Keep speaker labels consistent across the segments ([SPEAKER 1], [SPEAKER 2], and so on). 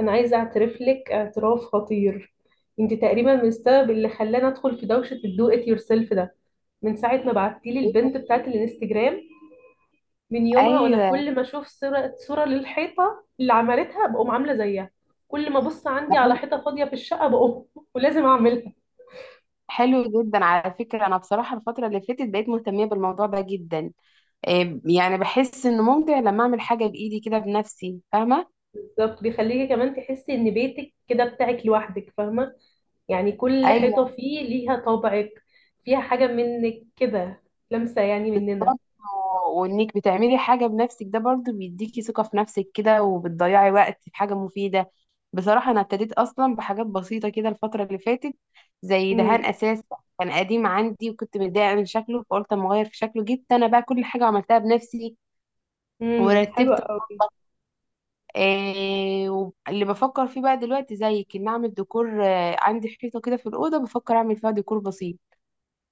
[SPEAKER 1] انا عايزه اعترف لك اعتراف خطير. انت تقريبا من السبب اللي خلاني ادخل في دوشه الدو ات يور سيلف ده، من ساعه ما بعتي لي
[SPEAKER 2] إيه ده؟
[SPEAKER 1] البنت بتاعت الانستجرام. من يومها وانا
[SPEAKER 2] ايوه،
[SPEAKER 1] كل ما اشوف صوره للحيطه اللي عملتها بقوم عامله زيها. كل ما ابص
[SPEAKER 2] ده
[SPEAKER 1] عندي على
[SPEAKER 2] حلو.
[SPEAKER 1] حيطه فاضيه في الشقه بقوم ولازم اعملها.
[SPEAKER 2] حلو جدا على فكره. انا بصراحه الفتره اللي فاتت بقيت مهتميه بالموضوع ده جدا. إيه يعني، بحس انه ممتع لما اعمل حاجه بايدي كده بنفسي، فاهمه.
[SPEAKER 1] بالظبط، بيخليكي كمان تحسي ان بيتك كده بتاعك لوحدك، فاهمه؟ يعني كل
[SPEAKER 2] ايوه،
[SPEAKER 1] حيطه فيه ليها طابعك، فيها حاجه منك كده، لمسه يعني مننا.
[SPEAKER 2] برضه. وانك بتعملي حاجه بنفسك ده برضه بيديكي ثقه في نفسك كده، وبتضيعي وقت في حاجه مفيده. بصراحه انا ابتديت اصلا بحاجات بسيطه كده الفتره اللي فاتت، زي
[SPEAKER 1] امم.
[SPEAKER 2] دهان اساس كان قديم عندي وكنت متضايقه من شكله، فقلت اما اغير في شكله. جبت انا بقى كل حاجه عملتها بنفسي
[SPEAKER 1] امم، حلوه
[SPEAKER 2] ورتبت.
[SPEAKER 1] قوي.
[SPEAKER 2] آه واللي بفكر فيه بقى دلوقتي زيك ان اعمل ديكور، عندي حيطه كده في الاوضه بفكر اعمل فيها ديكور بسيط.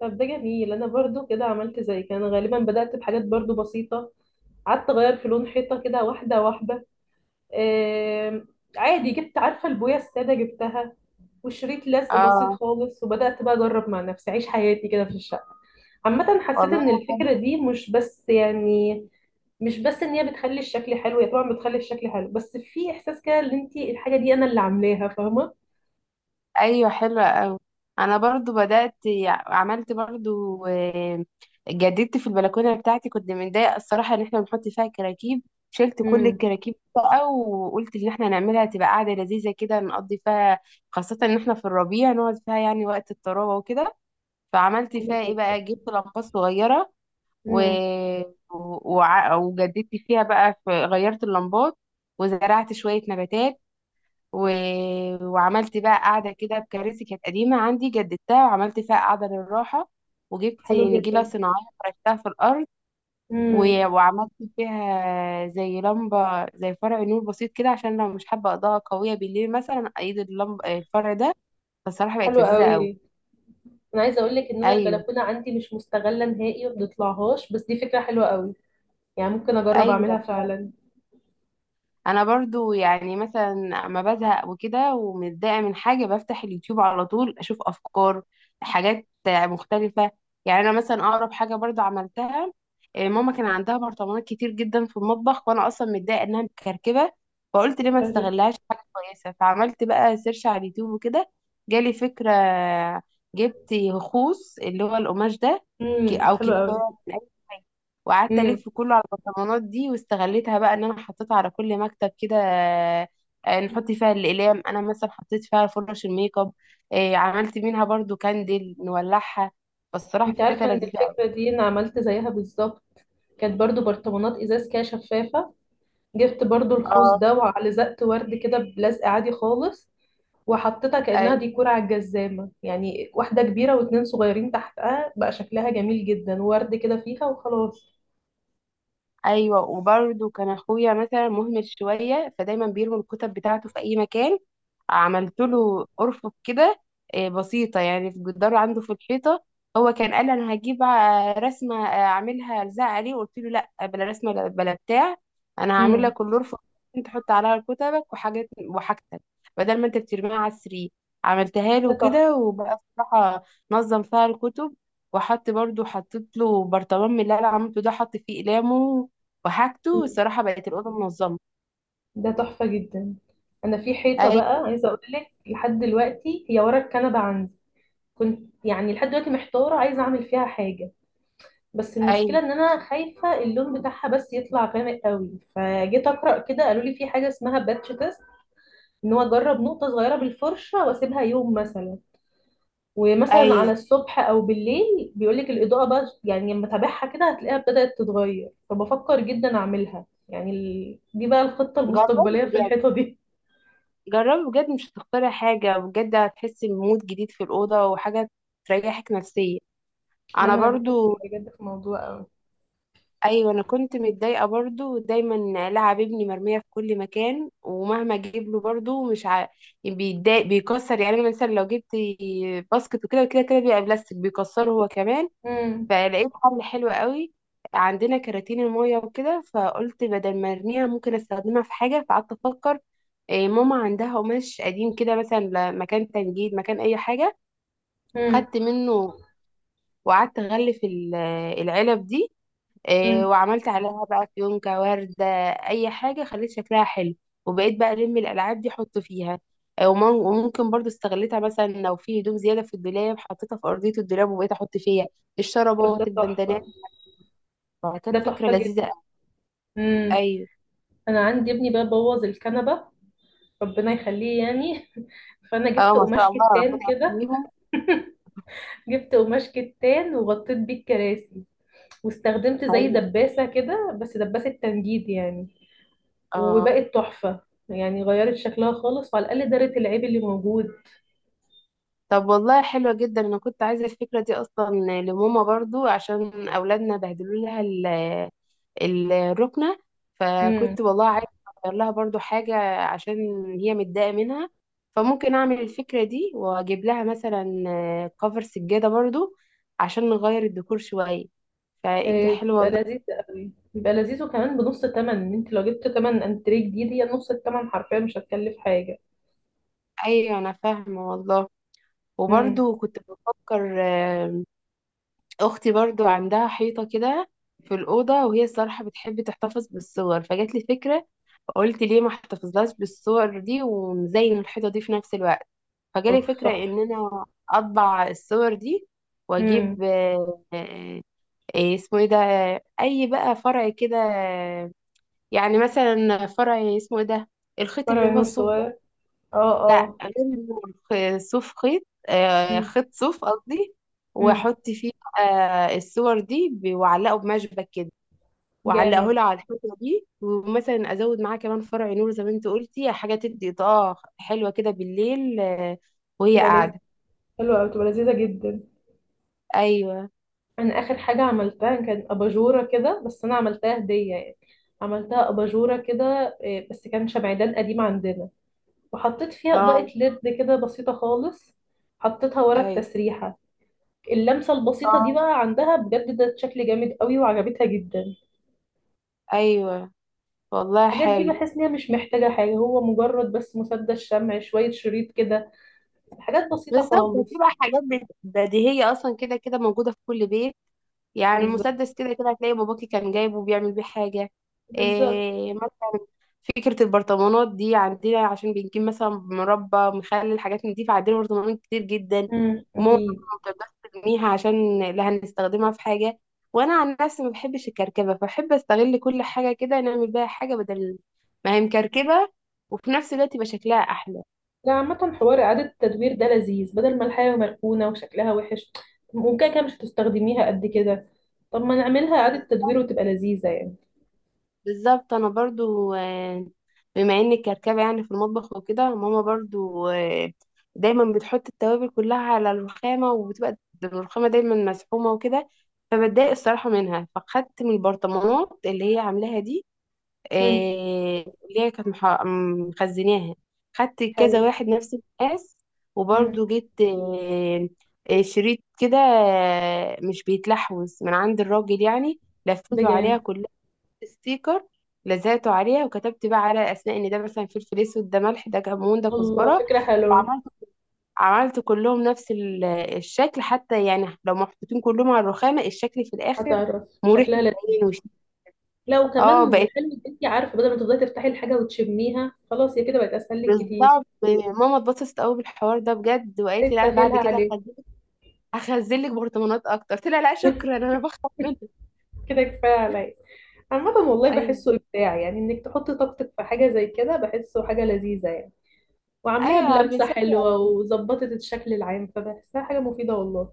[SPEAKER 1] طب ده جميل، انا برضو كده عملت زي كان غالبا بدأت بحاجات برضو بسيطة. قعدت اغير في لون حيطة كده واحدة واحدة. آم، عادي جبت عارفة البوية السادة جبتها، وشريط لزق بسيط
[SPEAKER 2] اه،
[SPEAKER 1] خالص، وبدأت بقى اجرب مع نفسي اعيش حياتي كده في الشقة. عامة حسيت
[SPEAKER 2] والله.
[SPEAKER 1] ان الفكرة دي مش بس يعني، مش بس ان هي بتخلي الشكل حلو، هي طبعا بتخلي الشكل حلو، بس في احساس كده ان انت الحاجة دي انا اللي عاملاها، فاهمة؟
[SPEAKER 2] ايوه حلوه قوي. انا برضو بدات، عملت برضو، جددت في البلكونه بتاعتي، كنت متضايقه الصراحه ان احنا بنحط فيها كراكيب. شلت كل
[SPEAKER 1] امم،
[SPEAKER 2] الكراكيب بقى وقلت ان احنا نعملها تبقى قاعده لذيذه كده نقضي فيها، خاصه ان احنا في الربيع نقعد فيها يعني وقت الطراوه وكده. فعملت
[SPEAKER 1] حلو
[SPEAKER 2] فيها ايه
[SPEAKER 1] جدا.
[SPEAKER 2] بقى؟ جبت لمبات صغيره و...
[SPEAKER 1] امم،
[SPEAKER 2] وجددت فيها بقى، غيرت اللمبات، وزرعت شوية نباتات، و... وعملت بقى قاعدة كده بكراسي كانت قديمة عندي جددتها وعملت فيها قاعدة للراحة، وجبت
[SPEAKER 1] حلو
[SPEAKER 2] نجيلة
[SPEAKER 1] جدا.
[SPEAKER 2] صناعية فرشتها في الأرض، و...
[SPEAKER 1] امم،
[SPEAKER 2] وعملت فيها زي لمبة، زي فرع نور بسيط كده، عشان لو مش حابة إضاءة قوية بالليل مثلا أيد اللمبة الفرع ده. فالصراحة
[SPEAKER 1] حلو
[SPEAKER 2] بقت لذيذة
[SPEAKER 1] قوي.
[SPEAKER 2] أوي.
[SPEAKER 1] انا عايزه اقول لك ان انا
[SPEAKER 2] أيوه.
[SPEAKER 1] البلكونه عندي مش مستغله نهائي وما بتطلعهاش، بس دي فكره حلوه قوي. يعني ممكن اجرب اعملها
[SPEAKER 2] أيوه
[SPEAKER 1] فعلا.
[SPEAKER 2] انا برضو يعني مثلا اما بزهق وكده ومتضايقه من حاجه بفتح اليوتيوب على طول اشوف افكار، حاجات مختلفه. يعني انا مثلا اقرب حاجه برضو عملتها، إيه، ماما كان عندها برطمانات كتير جدا في المطبخ وانا اصلا متضايقه انها مكركبه، فقلت ليه ما
[SPEAKER 1] فاهمه.
[SPEAKER 2] استغلهاش في حاجه كويسه. فعملت بقى سيرش على اليوتيوب وكده، جالي فكره. جبت خوص اللي هو القماش ده،
[SPEAKER 1] امم،
[SPEAKER 2] او
[SPEAKER 1] حلوه
[SPEAKER 2] كتان،
[SPEAKER 1] قوي.
[SPEAKER 2] وقعدت
[SPEAKER 1] امم.
[SPEAKER 2] الف كله على البرطمانات دي واستغليتها بقى ان انا حطيتها على كل مكتب كده. نحط فيها الاقلام، انا مثلا حطيت فيها فرش الميك اب. عملت منها برضو كاندل نولعها. فالصراحه
[SPEAKER 1] انت
[SPEAKER 2] فكرتها
[SPEAKER 1] عارفه ان
[SPEAKER 2] لذيذه قوي.
[SPEAKER 1] الفكره دي انا عملت زيها بالظبط؟ كانت برضو برطمانات ازاز كده شفافه، جبت برضو الخوص ده وعلزقت ورد كده بلزق عادي خالص، وحطيتها كانها
[SPEAKER 2] اه،
[SPEAKER 1] ديكور على الجزامه، يعني واحده كبيره واتنين صغيرين تحتها، بقى شكلها جميل جدا، ورد كده فيها وخلاص.
[SPEAKER 2] ايوه. وبرده كان اخويا مثلا مهمل شويه فدايما بيرمي الكتب بتاعته في اي مكان. عملت له ارفف كده، بسيطه، يعني في جدار عنده في الحيطه. هو كان قال انا هجيب رسمه، اعملها الزق عليه، قلت له لا بلا رسمه، بلا بتاع، انا هعمل
[SPEAKER 1] امم.
[SPEAKER 2] لك الارفف، انت تحط عليها كتبك وحاجات وحاجتك، بدل ما انت بترميها على السرير. عملتها
[SPEAKER 1] ده
[SPEAKER 2] له
[SPEAKER 1] تحفه.
[SPEAKER 2] كده وبقى بصراحه نظم فيها الكتب، وحط برضو، حطيت له برطمان من اللي انا عملته ده، حط فيه اقلامه وحاجته. الصراحة بقت الأوضة منظمة.
[SPEAKER 1] ده تحفة جدا. انا في حيطة
[SPEAKER 2] أي.
[SPEAKER 1] بقى عايزة اقول لك، لحد دلوقتي هي ورا الكنبة عندي. كنت يعني لحد دلوقتي محتارة عايزة اعمل فيها حاجة، بس المشكلة
[SPEAKER 2] أي.
[SPEAKER 1] ان انا خايفة اللون بتاعها بس يطلع غامق قوي. فجيت اقرأ كده قالوا لي في حاجة اسمها باتش تيست، ان هو اجرب نقطة صغيرة بالفرشة واسيبها يوم مثلا، ومثلا على
[SPEAKER 2] أي،
[SPEAKER 1] الصبح او بالليل بيقول لك الإضاءة بقى، يعني لما تابعها كده هتلاقيها بدأت تتغير. فبفكر جدا اعملها، يعني دي بقى الخطة
[SPEAKER 2] جربي
[SPEAKER 1] المستقبلية في
[SPEAKER 2] بجد،
[SPEAKER 1] الحيطة دي.
[SPEAKER 2] جربي بجد، مش هتختاري حاجة بجد، هتحسي بمود جديد في الأوضة وحاجة تريحك نفسيا.
[SPEAKER 1] ما
[SPEAKER 2] أنا
[SPEAKER 1] انا بفكر
[SPEAKER 2] برضو،
[SPEAKER 1] بجد في موضوع قوي.
[SPEAKER 2] أيوة، أنا كنت متضايقة برضو، دايما لعب ابني مرمية في كل مكان، ومهما أجيب له برضو مش بيتضايق بيكسر. يعني أنا مثلا لو جبت باسكت وكده وكده كده بيبقى بلاستيك بيكسره هو كمان.
[SPEAKER 1] امم.
[SPEAKER 2] فلقيت حل حلو قوي، عندنا كراتين المية وكده، فقلت بدل ما ارميها ممكن استخدمها في حاجة. فقعدت افكر، إيه، ماما عندها قماش قديم كده، مثلا مكان تنجيد، مكان اي حاجة،
[SPEAKER 1] امم.
[SPEAKER 2] خدت منه وقعدت اغلف العلب دي، إيه،
[SPEAKER 1] امم.
[SPEAKER 2] وعملت عليها بقى فيونكة وردة، اي حاجة خليت شكلها حلو. وبقيت بقى الالعاب دي احط فيها، إيه ومم- وممكن برضو استغلتها مثلا لو في هدوم زيادة في الدولاب حطيتها في ارضية الدولاب وبقيت احط فيها
[SPEAKER 1] طب ده
[SPEAKER 2] الشرابات
[SPEAKER 1] تحفه.
[SPEAKER 2] البندانات.
[SPEAKER 1] ده
[SPEAKER 2] فكانت فكرة
[SPEAKER 1] تحفه
[SPEAKER 2] لذيذة
[SPEAKER 1] جدا.
[SPEAKER 2] أوي.
[SPEAKER 1] امم.
[SPEAKER 2] أيوة.
[SPEAKER 1] انا عندي ابني بقى بوظ الكنبه، ربنا يخليه يعني فانا
[SPEAKER 2] اه،
[SPEAKER 1] جبت
[SPEAKER 2] ما
[SPEAKER 1] قماش
[SPEAKER 2] شاء الله،
[SPEAKER 1] كتان
[SPEAKER 2] ربنا
[SPEAKER 1] كده.
[SPEAKER 2] يحميهم.
[SPEAKER 1] جبت قماش كتان وغطيت بيه الكراسي، واستخدمت زي
[SPEAKER 2] أيوة.
[SPEAKER 1] دباسه كده، بس دباسه تنجيد يعني.
[SPEAKER 2] اه،
[SPEAKER 1] وبقت تحفه، يعني غيرت شكلها خالص وعلى الاقل دارت العيب اللي موجود.
[SPEAKER 2] طب والله حلوة جدا، أنا كنت عايزة الفكرة دي أصلا لماما برضو عشان أولادنا بهدلوا لها الركنة. فكنت والله عايزة أغير لها برضو حاجة، عشان هي متضايقة منها. فممكن أعمل الفكرة دي وأجيب لها مثلا كفر سجادة برضو عشان نغير الديكور شوية. فأنت
[SPEAKER 1] آه،
[SPEAKER 2] حلوة
[SPEAKER 1] بيبقى
[SPEAKER 2] والله.
[SPEAKER 1] لذيذ قوي، بيبقى لذيذ، وكمان بنص الثمن، ان انت لو جبت ثمن انتريه جديد هي نص الثمن حرفيا، مش هتكلف حاجه.
[SPEAKER 2] أيوة، أنا فاهمة والله.
[SPEAKER 1] امم.
[SPEAKER 2] وبرضو كنت بفكر، اختي برضو عندها حيطه كده في الاوضه، وهي الصراحه بتحب تحتفظ بالصور، فجات لي فكره، قلت ليه ما احتفظلهاش بالصور دي ومزين الحيطه دي في نفس الوقت. فجالي
[SPEAKER 1] اوف
[SPEAKER 2] فكره
[SPEAKER 1] صح.
[SPEAKER 2] ان انا اطبع الصور دي
[SPEAKER 1] امم.
[SPEAKER 2] واجيب اسمه ايه ده، اي بقى فرع كده، يعني مثلا فرع اسمه ايه ده، الخيط اللي
[SPEAKER 1] فرع
[SPEAKER 2] هو
[SPEAKER 1] نور
[SPEAKER 2] الصوف ده،
[SPEAKER 1] صغير. اه
[SPEAKER 2] لا
[SPEAKER 1] اه.
[SPEAKER 2] غير، صوف خيط،
[SPEAKER 1] امم.
[SPEAKER 2] خيط صوف قصدي.
[SPEAKER 1] امم.
[SPEAKER 2] واحط فيه بقى الصور دي، واعلقه بمشبك كده، واعلقه
[SPEAKER 1] جامد.
[SPEAKER 2] له على الحيطه دي، ومثلا ازود معاه كمان فرع نور زي ما انت قلتي، حاجه تدي اضاءه حلوه كده بالليل. وهي
[SPEAKER 1] تبقى لذيذ.
[SPEAKER 2] قاعده.
[SPEAKER 1] حلوه قوي، تبقى لذيذه جدا.
[SPEAKER 2] ايوه.
[SPEAKER 1] انا اخر حاجه عملتها كان اباجوره كده، بس انا عملتها هديه يعني. عملتها اباجوره كده، آه، بس كان شمعدان قديم عندنا، وحطيت فيها اضاءه
[SPEAKER 2] اه.
[SPEAKER 1] ليد كده بسيطه خالص. حطيتها ورا
[SPEAKER 2] ايوه.
[SPEAKER 1] التسريحه. اللمسة البسيطة دي
[SPEAKER 2] اه.
[SPEAKER 1] بقى عندها بجد، ده شكل جامد قوي وعجبتها جدا.
[SPEAKER 2] ايوه والله،
[SPEAKER 1] الحاجات دي
[SPEAKER 2] حلو.
[SPEAKER 1] بحس ان هي مش محتاجة حاجة، هو مجرد بس مسدس شمع، شوية شريط كده، حاجات بسيطة
[SPEAKER 2] بالظبط
[SPEAKER 1] خالص.
[SPEAKER 2] بتبقى حاجات بديهية أصلا كده كده موجودة في كل بيت، يعني
[SPEAKER 1] بالظبط.
[SPEAKER 2] المسدس كده كده هتلاقي باباكي كان جايبه بيعمل بيه حاجة.
[SPEAKER 1] بالظبط.
[SPEAKER 2] إيه مثلا فكرة البرطمانات دي عندنا عشان بنجيب مثلا مربى، مخلل، حاجات من دي، فعندنا برطمانات كتير جدا.
[SPEAKER 1] امم،
[SPEAKER 2] وماما طبعاً
[SPEAKER 1] اكيد.
[SPEAKER 2] ما بتقدرش ترميها عشان لا، هنستخدمها في حاجة. وأنا عن نفسي ما بحبش الكركبة، فبحب أستغل كل حاجة كده، نعمل بيها حاجة بدل ما هي مكركبة، وفي نفس الوقت يبقى شكلها أحلى.
[SPEAKER 1] لا عامة، حوار إعادة التدوير ده لذيذ، بدل ما الحاجة مركونة وشكلها وحش، ممكن كده مش هتستخدميها قد كده، طب ما نعملها إعادة تدوير وتبقى لذيذة يعني.
[SPEAKER 2] بالظبط. انا برضو، بما انك كركبه يعني في المطبخ وكده، ماما برضو دايما بتحط التوابل كلها على الرخامه، وبتبقى الرخامه دايما مسحومه وكده، فبتضايق الصراحه منها. فخدت من البرطمانات اللي هي عاملاها دي،
[SPEAKER 1] امم.
[SPEAKER 2] اللي هي كانت مخزناها. خدت كذا
[SPEAKER 1] حلو.
[SPEAKER 2] واحد نفس المقاس.
[SPEAKER 1] امم.
[SPEAKER 2] وبرضو جبت شريط كده، مش بيتلحوز من عند الراجل، يعني
[SPEAKER 1] ده
[SPEAKER 2] لفيته عليها
[SPEAKER 1] جامد.
[SPEAKER 2] كلها، ستيكر، لزقته عليها. وكتبت بقى على الاسماء ان ده مثلا فلفل اسود، ده ملح، ده كمون، ده
[SPEAKER 1] الله،
[SPEAKER 2] كزبره.
[SPEAKER 1] فكرة حلوة.
[SPEAKER 2] عملت عملت كلهم نفس الشكل، حتى يعني لو محطوطين كلهم على الرخامه الشكل في الاخر
[SPEAKER 1] هتعرف
[SPEAKER 2] مريح
[SPEAKER 1] شكلها.
[SPEAKER 2] للعين وشي.
[SPEAKER 1] لا،
[SPEAKER 2] اه،
[SPEAKER 1] وكمان
[SPEAKER 2] بقت،
[SPEAKER 1] محل، انت عارفه؟ بدل ما تفضلي تفتحي الحاجه وتشميها، خلاص هي كده بقت اسهل لك كتير.
[SPEAKER 2] بالظبط. ماما اتبسطت قوي بالحوار ده بجد، وقالت لي لا انا بعد
[SPEAKER 1] تسهلها
[SPEAKER 2] كده
[SPEAKER 1] عليك.
[SPEAKER 2] هخزن لك برطمانات اكتر، قلت لها لا شكرا انا بخاف منك.
[SPEAKER 1] كده كفايه عليا. عامة والله
[SPEAKER 2] ايوه.
[SPEAKER 1] بحسه إبداع، يعني إنك تحطي طاقتك في حاجة زي كده بحسه حاجة لذيذة يعني. وعاملاها
[SPEAKER 2] ايوه
[SPEAKER 1] بلمسة
[SPEAKER 2] بنسلي.
[SPEAKER 1] حلوة وظبطت الشكل العام، فبحسها حاجة مفيدة والله.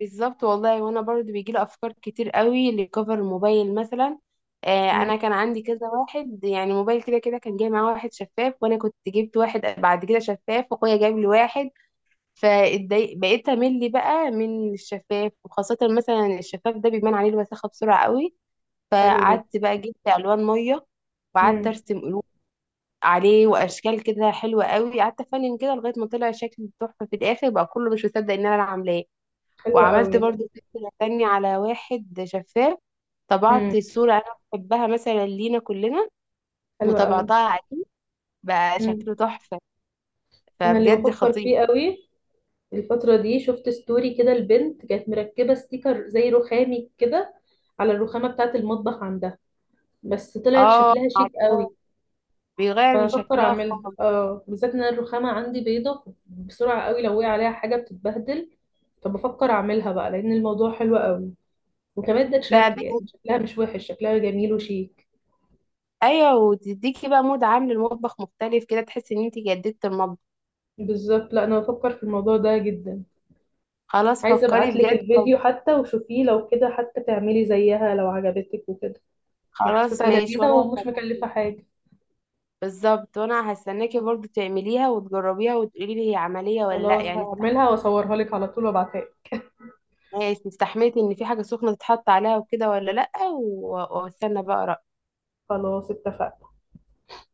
[SPEAKER 2] بالظبط والله. وانا برضو بيجيلي افكار كتير قوي لكفر الموبايل مثلا.
[SPEAKER 1] امم،
[SPEAKER 2] انا كان عندي كذا واحد يعني موبايل، كده كده كان جاي معاه واحد شفاف، وانا كنت جبت واحد بعد كده شفاف، واخويا جاب لي واحد، فاتضايق بقيت امل بقى من الشفاف، وخاصه مثلا الشفاف ده بيبان عليه الوساخه بسرعه قوي.
[SPEAKER 1] حلو جدا.
[SPEAKER 2] فقعدت بقى، جبت الوان ميه وقعدت
[SPEAKER 1] امم،
[SPEAKER 2] ارسم قلوب عليه واشكال كده حلوه قوي، قعدت افنن كده لغايه ما طلع شكل تحفه في الاخر، بقى كله مش مصدق ان انا اللي عاملاه.
[SPEAKER 1] حلوة
[SPEAKER 2] وعملت
[SPEAKER 1] قوي ده.
[SPEAKER 2] برضو فكرة تانية على واحد شفاف،
[SPEAKER 1] امم،
[SPEAKER 2] طبعت صورة أنا بحبها مثلا لينا كلنا
[SPEAKER 1] حلوة قوي.
[SPEAKER 2] وطبعتها عليه، بقى
[SPEAKER 1] امم.
[SPEAKER 2] شكله تحفة.
[SPEAKER 1] أنا اللي
[SPEAKER 2] فبجد
[SPEAKER 1] بفكر
[SPEAKER 2] خطير.
[SPEAKER 1] فيه قوي الفترة دي، شفت ستوري كده البنت كانت مركبة ستيكر زي رخامي كده على الرخامة بتاعة المطبخ عندها، بس طلعت
[SPEAKER 2] اه
[SPEAKER 1] شكلها شيك قوي.
[SPEAKER 2] عارفاه، بيغير من
[SPEAKER 1] فانا بفكر
[SPEAKER 2] شكلها
[SPEAKER 1] اعملها،
[SPEAKER 2] خالص.
[SPEAKER 1] اه بالذات ان أنا الرخامة عندي بيضة بسرعة قوي، لو وقع عليها حاجة بتتبهدل. فبفكر اعملها بقى لان الموضوع حلو قوي، وكمان ده
[SPEAKER 2] لا
[SPEAKER 1] شكل، يعني
[SPEAKER 2] بجد،
[SPEAKER 1] شكلها مش وحش، شكلها جميل وشيك.
[SPEAKER 2] ايوه، وتديكي بقى مود عام للمطبخ مختلف كده، تحسي ان انت جددت المطبخ.
[SPEAKER 1] بالظبط. لا انا بفكر في الموضوع ده جدا.
[SPEAKER 2] خلاص
[SPEAKER 1] عايزة
[SPEAKER 2] فكري
[SPEAKER 1] ابعتلك
[SPEAKER 2] بجد.
[SPEAKER 1] الفيديو حتى وشوفيه لو كده، حتى تعملي زيها لو عجبتك وكده. هي
[SPEAKER 2] خلاص
[SPEAKER 1] حسيتها
[SPEAKER 2] ماشي
[SPEAKER 1] لذيذة
[SPEAKER 2] وانا
[SPEAKER 1] ومش مكلفة حاجة.
[SPEAKER 2] بالظبط وانا هستناكي برضو تعمليها وتجربيها وتقولي لي هي عملية ولا لا
[SPEAKER 1] خلاص
[SPEAKER 2] يعني.
[SPEAKER 1] هعملها واصورها لك على طول وابعتها لك.
[SPEAKER 2] ماشي، استحميتي ان في حاجة سخنة تتحط عليها وكده ولا لأ، واستنى بقى رأيك.
[SPEAKER 1] خلاص اتفقنا.